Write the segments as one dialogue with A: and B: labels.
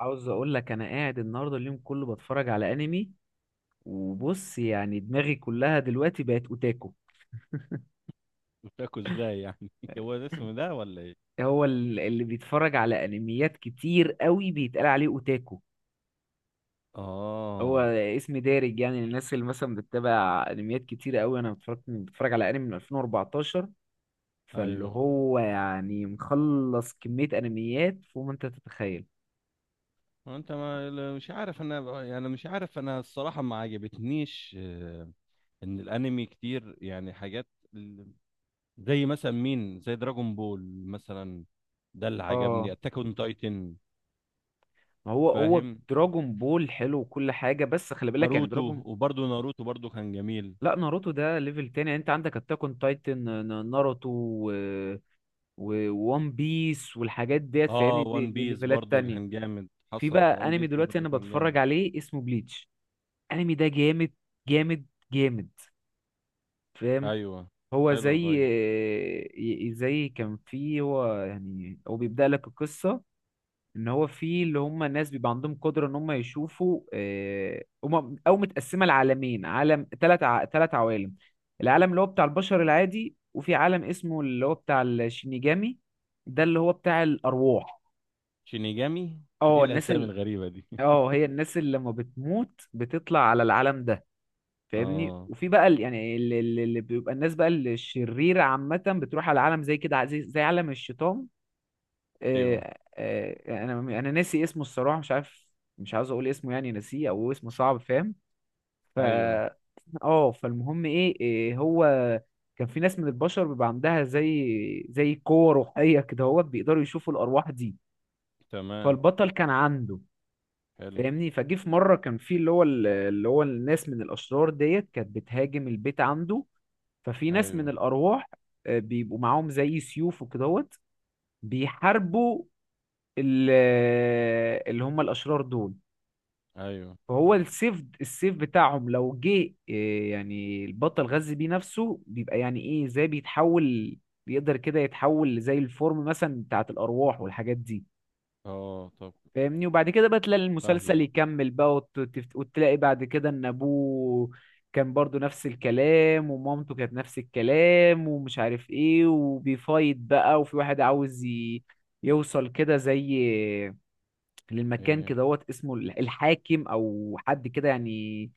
A: عاوز اقول لك انا قاعد النهارده اليوم كله بتفرج على انمي، وبص يعني دماغي كلها دلوقتي بقت اوتاكو.
B: مشاكو ازاي يعني؟ هو ده اسمه ده ولا ايه؟
A: اللي بيتفرج على انميات كتير قوي بيتقال عليه اوتاكو. هو
B: اه،
A: اسم دارج، يعني الناس اللي مثلا بتتابع انميات كتير قوي. انا بتفرج على انمي من 2014، فاللي
B: ايوه.
A: هو يعني مخلص كمية انميات فوق ما انت تتخيل.
B: هو انت ما لا- مش عارف، انا يعني مش عارف، انا الصراحه ما عجبتنيش، ان الانمي كتير يعني حاجات، ال- زي مثلا مين، زي دراجون بول مثلا. ده اللي عجبني
A: اه،
B: اتاك اون تايتن.
A: ما هو
B: فاهم.
A: دراجون بول حلو وكل حاجة، بس خلي بالك يعني
B: ناروتو.
A: دراجون.
B: وبرضه ناروتو برضه كان جميل.
A: لا، ناروتو ده ليفل تاني، يعني انت عندك اتاك اون تايتن، ناروتو، و وون بيس والحاجات ديت،
B: اه،
A: فاهمني؟ دي,
B: وان
A: دي
B: بيس
A: ليفلات
B: برضه
A: تانية.
B: كان جامد،
A: في
B: حصل
A: بقى
B: وان
A: انمي
B: بيس ده
A: دلوقتي
B: برضه
A: انا
B: كان
A: بتفرج
B: جامد.
A: عليه اسمه بليتش. انمي ده جامد، جامد، جامد، فاهم؟
B: ايوه،
A: هو
B: حلو،
A: زي
B: طيب.
A: زي كان فيه، هو يعني هو بيبدأ لك القصة، ان هو في اللي هم الناس بيبقى عندهم قدره ان هم يشوفوا، هم او متقسمه لعالمين، عالم 3 عوالم. العالم اللي هو بتاع البشر العادي، وفي عالم اسمه اللي هو بتاع الشينيجامي، ده اللي هو بتاع الارواح.
B: شينيجامي؟ ايه
A: اه،
B: الاسامي الغريبه دي؟
A: اه، هي الناس اللي لما بتموت بتطلع على العالم ده، فاهمني؟
B: اه،
A: وفي بقى يعني اللي بيبقى الناس بقى الشريره عامه بتروح على عالم زي كده، زي عالم الشيطان.
B: ايوه،
A: انا ناسي اسمه الصراحه، مش عارف، مش عاوز اقول اسمه، يعني ناسيه او اسمه صعب، فاهم؟ ف
B: ايوه،
A: اه، فالمهم ايه إيه، هو كان في ناس من البشر بيبقى عندها زي قوة روحية كده، هو بيقدروا يشوفوا الأرواح دي.
B: تمام،
A: فالبطل كان عنده،
B: حلو،
A: فاهمني؟ فجه في مرة كان في اللي هو اللي هو الناس من الأشرار ديت كانت بتهاجم البيت عنده. ففي ناس من
B: ايوه،
A: الأرواح بيبقوا معاهم زي سيوف وكدهوت، بيحاربوا ال- اللي هم الاشرار دول.
B: ايوه،
A: فهو السيف بتاعهم لو جه يعني البطل غذي بيه نفسه بيبقى يعني ايه زي بيتحول، بيقدر كده يتحول زي الفورم مثلا بتاعت الارواح والحاجات دي،
B: اه، طب،
A: فاهمني؟ وبعد كده بقى تلاقي
B: فاهم،
A: المسلسل يكمل بقى، وتلاقي بعد كده ان ابوه كان برضو نفس الكلام ومامته كانت نفس الكلام ومش عارف ايه، وبيفايت بقى، وفي واحد عاوز يوصل كده زي للمكان
B: ايه،
A: كدهوت اسمه الحاكم او حد كده، يعني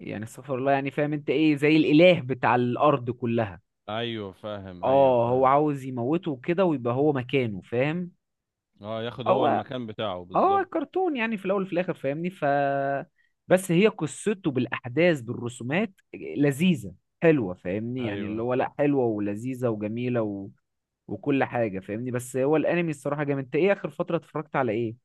A: يعني استغفر الله، يعني فاهم انت ايه، زي الاله بتاع الارض كلها.
B: ايوه فاهم، ايوه
A: اه، هو
B: فاهم،
A: عاوز يموته كده ويبقى هو مكانه، فاهم؟
B: اه. ياخد هو
A: هو
B: المكان بتاعه
A: هو
B: بالظبط.
A: كرتون يعني في الاول وفي الاخر، فاهمني؟ بس هي قصته بالاحداث، بالرسومات لذيذه، حلوه، فاهمني؟ يعني اللي
B: ايوه.
A: هو لا حلوه ولذيذه وجميله وكل حاجه، فاهمني؟ بس هو الانمي الصراحه جامد. انت ايه اخر فتره اتفرجت على ايه؟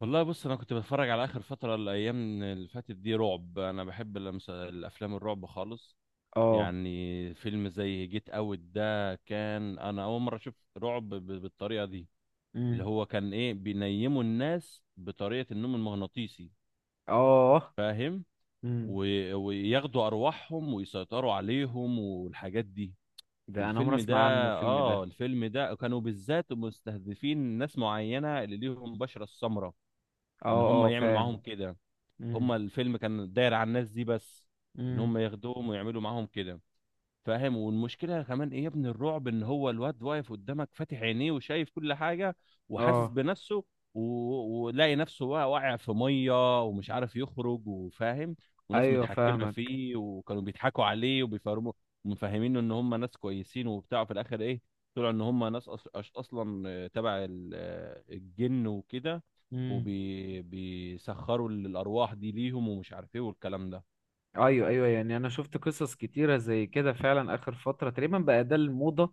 B: والله بص، انا كنت بتفرج على اخر فتره الايام اللي فاتت دي رعب، انا بحب الافلام الرعب خالص.
A: اه.
B: يعني فيلم زي جيت اوت ده كان انا اول مره اشوف رعب بالطريقه دي. اللي
A: امم
B: هو كان ايه، بينيموا الناس بطريقه النوم المغناطيسي،
A: اه.
B: فاهم.
A: امم
B: وياخدوا ارواحهم ويسيطروا عليهم والحاجات دي.
A: ده انا عمري
B: الفيلم ده،
A: اسمع عنه الفيلم
B: اه
A: ده.
B: الفيلم ده كانوا بالذات مستهدفين ناس معينة، اللي ليهم بشرة السمراء. ان
A: اه
B: هم
A: اه،
B: يعملوا معاهم
A: فاهم.
B: كده. هم
A: امم
B: الفيلم كان داير على الناس دي بس، ان
A: امم
B: هم ياخدوهم ويعملوا معاهم كده. فاهم، والمشكله كمان ايه يا ابني الرعب، ان هو الواد واقف قدامك فاتح عينيه وشايف كل حاجه، وحاسس
A: اه.
B: بنفسه، ولاقي نفسه بقى واقع في ميه ومش عارف يخرج، وفاهم، وناس
A: ايوه،
B: متحكمه
A: فاهمك.
B: فيه، وكانوا بيضحكوا عليه وبيفهموا، ومفهمينه ان هم ناس كويسين وبتاع. في الاخر ايه، طلعوا ان هم ناس اصلا، تبع الجن وكده،
A: امم
B: وبيسخروا الارواح دي ليهم ومش عارف ايه والكلام ده.
A: ايوه ايوه، يعني انا شفت قصص كتيره زي كده فعلا. اخر فتره تقريبا بقى ده الموضه،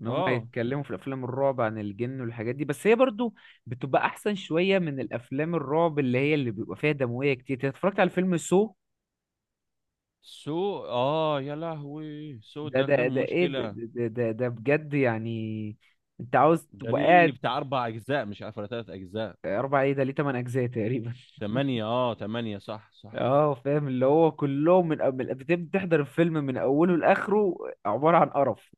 A: ان هم
B: اه،
A: يتكلموا في الافلام الرعب عن الجن والحاجات دي، بس هي برضو بتبقى احسن شويه من الافلام الرعب اللي هي اللي بيبقى فيها دمويه كتير. أنت اتفرجت على فيلم سو؟
B: سو. اه يا لهوي، سو
A: ده
B: ده كان
A: ده ده ايه،
B: مشكلة.
A: ده بجد يعني، انت عاوز
B: ده
A: تبقى
B: ليه
A: قاعد؟
B: بتاع أربع أجزاء، مش عارف ولا تلات أجزاء؟
A: اربع ايه؟ ده ليه 8 اجزاء تقريبا.
B: تمانية، اه تمانية، صح صح.
A: اه، فاهم. اللي هو كلهم من أول بتحضر الفيلم من اوله لاخره، عباره عن قرف،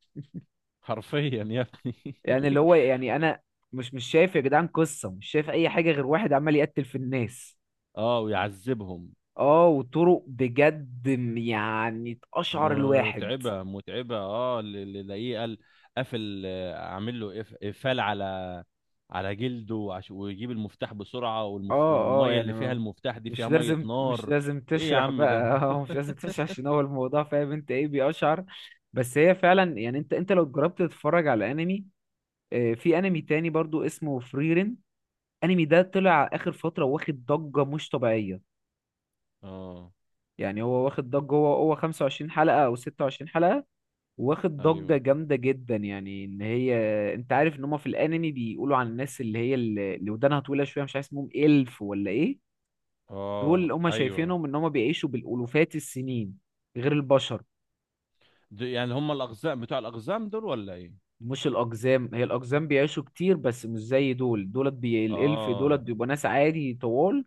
B: حرفيا يا ابني.
A: يعني اللي هو يعني انا مش شايف يا جدعان قصه، مش شايف اي حاجه غير واحد عمال يقتل في الناس.
B: اه، ويعذبهم.
A: اه، وطرق بجد يعني تقشعر الواحد.
B: متعبة متعبة، اه. اللي لاقيه قال قافل، عامل له إقفال على جلده، ويجيب المفتاح بسرعة،
A: اه اه،
B: والمية
A: يعني
B: اللي فيها
A: ما
B: المفتاح دي
A: مش
B: فيها مية
A: لازم، مش
B: نار.
A: لازم
B: ايه يا
A: تشرح
B: عم ده.
A: بقى اه، مش لازم تشرح، عشان هو الموضوع فاهم انت ايه، بيقشعر. بس هي فعلا، يعني انت لو جربت تتفرج على انمي، في انمي تاني برضو اسمه فريرين. الانمي ده طلع اخر فتره، واخد ضجه مش طبيعيه.
B: اه،
A: يعني هو واخد ضجه، هو 25 حلقه او 26 حلقه، واخد ضجه
B: ايوه،
A: جامده جدا. يعني ان هي، انت عارف ان هم في الانمي بيقولوا عن الناس اللي هي اللي ودانها طويله شويه، مش عارف اسمهم الف ولا ايه. دول
B: اه،
A: اللي هم
B: ايوه.
A: شايفينهم ان هم بيعيشوا بالالوفات السنين، غير البشر.
B: يعني هم الاقزام، بتوع الاقزام دول ولا ايه؟
A: مش الاقزام، هي الاقزام بيعيشوا كتير بس مش زي دول، الالف دولت
B: اه،
A: بيبقوا ناس عادي طوال،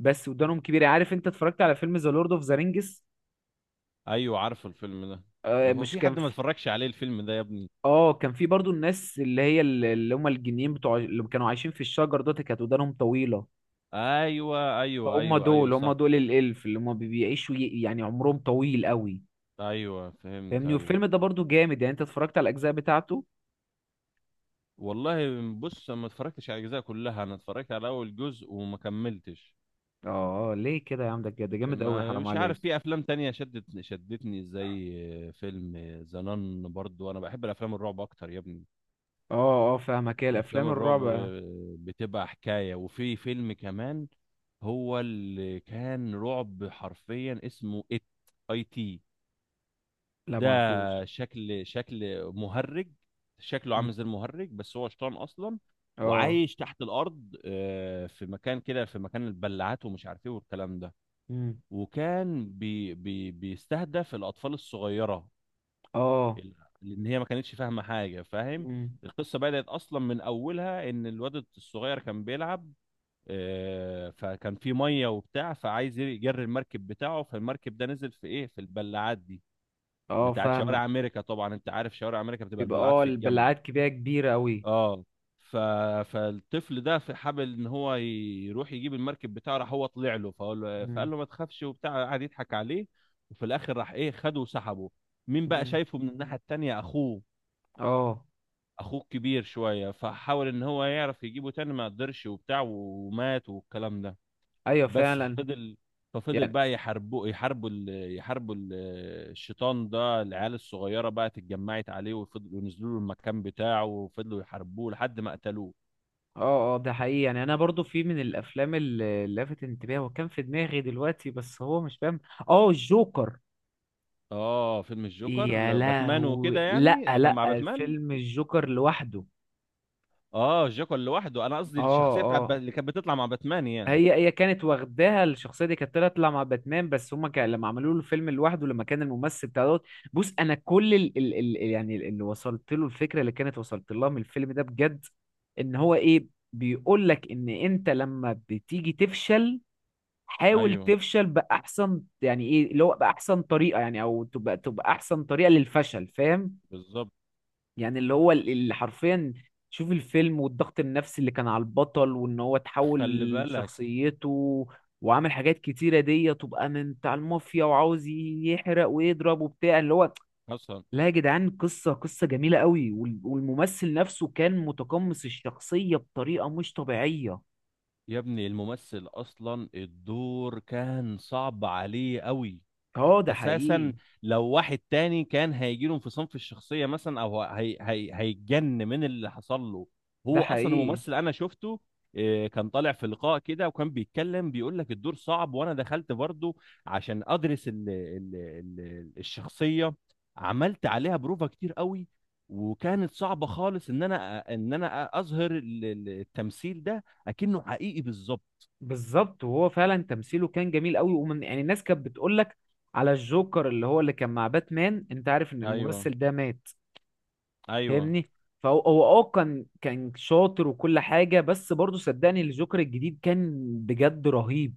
A: بس ودانهم كبيره. عارف انت اتفرجت على فيلم ذا لورد اوف ذا رينجز؟
B: ايوه، عارف الفيلم ده. ده هو
A: مش
B: في
A: كان
B: حد ما
A: في،
B: اتفرجش عليه الفيلم ده يا ابني؟
A: اه، كان في برضو الناس اللي هي اللي هم الجنيين بتوع اللي كانوا عايشين في الشجر، دول كانت ودانهم طويلة.
B: ايوه، ايوه،
A: فهم
B: ايوه، ايوه،
A: دول، هم
B: صح.
A: دول الالف، اللي هم بيعيشوا، يعني عمرهم طويل قوي،
B: ايوه، فهمت،
A: فاهمني؟
B: ايوه.
A: والفيلم ده برضو جامد. يعني انت اتفرجت على الاجزاء بتاعته؟
B: والله بص، أنا ما اتفرجتش على الاجزاء كلها، انا اتفرجت على اول جزء وما كملتش.
A: اه ليه كده يا عم، ده كده ده جامد قوي،
B: ما
A: حرام
B: مش عارف،
A: عليك.
B: في افلام تانية شدتني، زي فيلم زنان. برضو انا بحب الافلام الرعب اكتر يا ابني.
A: اه اه، فاهمك. هي
B: الافلام
A: الافلام
B: الرعب
A: الرعب.
B: بتبقى حكايه. وفي فيلم كمان هو اللي كان رعب حرفيا، اسمه ات، اي تي.
A: لا،
B: ده
A: معرفوش.
B: شكل، شكل مهرج، شكله
A: مم.
B: عامل زي المهرج، بس هو شيطان اصلا.
A: اه.
B: وعايش تحت الارض، في مكان كده، في مكان البلاعات، ومش عارف ايه والكلام ده.
A: مم.
B: وكان بي بي بيستهدف الاطفال الصغيره،
A: اه.
B: ال- لان هي ما كانتش فاهمه حاجه، فاهم.
A: مم.
B: القصه بدات اصلا من اولها، ان الواد الصغير كان بيلعب، فكان في ميه وبتاع، فعايز يجري المركب بتاعه، فالمركب ده نزل في ايه، في البلاعات دي،
A: اه،
B: بتاعت
A: فاهمك.
B: شوارع امريكا. طبعا انت عارف شوارع امريكا بتبقى
A: بيبقى
B: البلاعات
A: اه،
B: في الجنب.
A: البلعات كبيرة، كبيرة قوي.
B: اه. ف... فالطفل ده في حابل ان هو يروح يجيب المركب بتاعه. راح هو طلع له،
A: مم.
B: فقال له ما تخافش وبتاع، قعد يضحك عليه. وفي الاخر راح ايه، خده وسحبه. مين بقى
A: مم.
B: شايفه من الناحيه التانيه؟ اخوه،
A: اه.
B: اخوه كبير شويه. فحاول ان هو يعرف يجيبه تاني، ما قدرش وبتاع، ومات والكلام ده.
A: ايوه
B: بس
A: فعلا،
B: فضل، ففضل
A: يعني.
B: بقى يحاربوا، الشيطان ده. العيال الصغيره بقى اتجمعت عليه، وفضلوا ينزلوا له المكان بتاعه، وفضلوا يحاربوه لحد ما قتلوه.
A: اه اه، ده حقيقي، يعني انا برضو في من الافلام اللي لفت انتباهي وكان في دماغي دلوقتي، بس هو مش فاهم. اه، الجوكر.
B: اه، فيلم الجوكر،
A: يا
B: باتمان وكده،
A: لهوي، لا
B: يعني اللي كان
A: لا،
B: مع باتمان.
A: الفيلم الجوكر لوحده.
B: اه، الجوكر لوحده. انا قصدي
A: اه.
B: الشخصيه بتاعت
A: اه.
B: اللي كانت بتطلع مع باتمان يعني.
A: هي كانت واخداها الشخصيه دي، كانت تطلع مع باتمان، بس هما كان لما عملوا له الفيلم لوحده، لما كان الممثل بتاع دوت. بص انا كل ال يعني اللي وصلت له الفكره اللي كانت وصلت لها من الفيلم ده بجد، ان هو ايه، بيقول لك ان انت لما بتيجي تفشل، حاول
B: ايوه،
A: تفشل باحسن، يعني ايه اللي هو باحسن طريقه، يعني او تبقى احسن طريقه للفشل، فاهم؟
B: بالظبط.
A: يعني اللي هو اللي حرفيا، شوف الفيلم والضغط النفسي اللي كان على البطل وان هو تحول
B: خلي بالك.
A: لشخصيته، وعامل حاجات كتيره دي تبقى من بتاع المافيا وعاوز يحرق ويضرب وبتاع، اللي هو
B: حصل.
A: لا يا جدعان، قصه، قصه جميله قوي، والممثل نفسه كان متقمص الشخصيه بطريقه مش طبيعيه.
B: يا ابني الممثل اصلا الدور كان صعب عليه قوي
A: اه، ده حقيقي
B: اساسا. لو واحد تاني كان هيجي له انفصام في الشخصيه مثلا، او هي هي هيتجن من اللي حصل له.
A: ده
B: هو اصلا
A: حقيقي
B: الممثل انا شفته، كان طالع في لقاء كده وكان بيتكلم، بيقول لك الدور صعب. وانا دخلت برضه عشان ادرس ال ال ال الشخصيه، عملت عليها بروفا كتير قوي، وكانت صعبه خالص، ان انا اظهر التمثيل ده اكنه حقيقي بالظبط.
A: بالظبط. وهو فعلا تمثيله كان جميل قوي، ومن يعني الناس كانت بتقول لك على الجوكر اللي هو اللي كان مع باتمان. انت عارف ان
B: ايوه،
A: الممثل ده مات،
B: ايوه،
A: فاهمني؟ فهو كان شاطر وكل حاجه، بس برضه صدقني الجوكر الجديد كان بجد رهيب،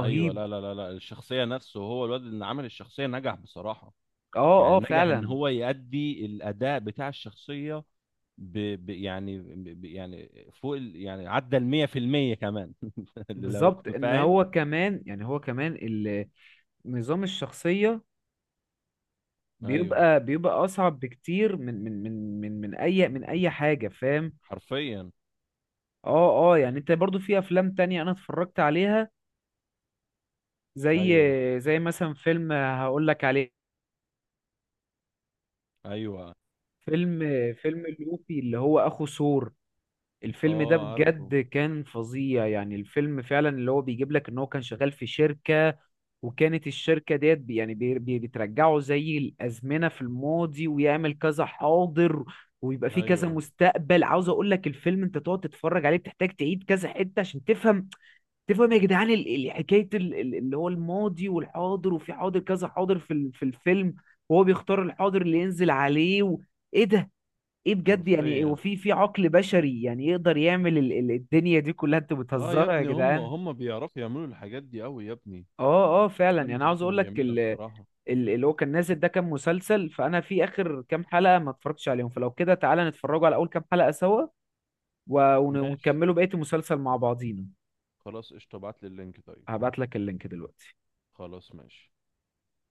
B: ايوه. لا لا لا لا، الشخصيه نفسه، هو الواد اللي عمل الشخصيه نجح بصراحه.
A: اه
B: يعني
A: اه
B: نجح ان
A: فعلا،
B: هو يأدي الاداء بتاع الشخصيه، ب... يعني يعني فوق يعني عدى ال 100% كمان. لو
A: بالظبط.
B: كنت
A: ان
B: فاهم.
A: هو كمان، يعني هو كمان نظام الشخصيه
B: ايوه،
A: بيبقى اصعب بكتير من اي حاجه، فاهم؟
B: حرفيا.
A: اه اه، يعني انت برضو في افلام تانية انا اتفرجت عليها، زي
B: ايوه،
A: مثلا فيلم هقول لك عليه،
B: ايوه.
A: فيلم فيلم لوفي اللي هو اخو ثور. الفيلم ده
B: اه، عارفه.
A: بجد كان فظيع، يعني الفيلم فعلا اللي هو بيجيب لك ان هو كان شغال في شركة، وكانت الشركة ديت بترجعه زي الازمنة في الماضي، ويعمل كذا حاضر، ويبقى فيه كذا
B: ايوه،
A: مستقبل. عاوز اقول لك الفيلم، انت تقعد تتفرج عليه بتحتاج تعيد كذا حتة عشان تفهم، يا جدعان حكايه اللي هو الماضي والحاضر، وفي حاضر كذا حاضر في في الفيلم، وهو بيختار الحاضر اللي ينزل عليه ايه ده، ايه بجد يعني، هو
B: حرفيا.
A: في في عقل بشري يعني يقدر يعمل الدنيا دي كلها، انتوا
B: اه يا
A: بتهزروا يا
B: ابني هم
A: جدعان.
B: هم بيعرفوا يعملوا الحاجات دي قوي يا ابني.
A: اه اه فعلا،
B: الافلام
A: يعني عاوز اقول
B: بتاعتهم
A: لك
B: جميله الصراحه.
A: اللي هو كان نازل ده كان مسلسل، فانا في اخر كام حلقه ما اتفرجتش عليهم، فلو كده تعالى نتفرجوا على اول كام حلقه سوا،
B: ماشي،
A: ونكملوا بقيه المسلسل مع بعضينا.
B: خلاص، قشطه، ابعت لي اللينك طيب.
A: هبعت لك اللينك دلوقتي.
B: خلاص، ماشي.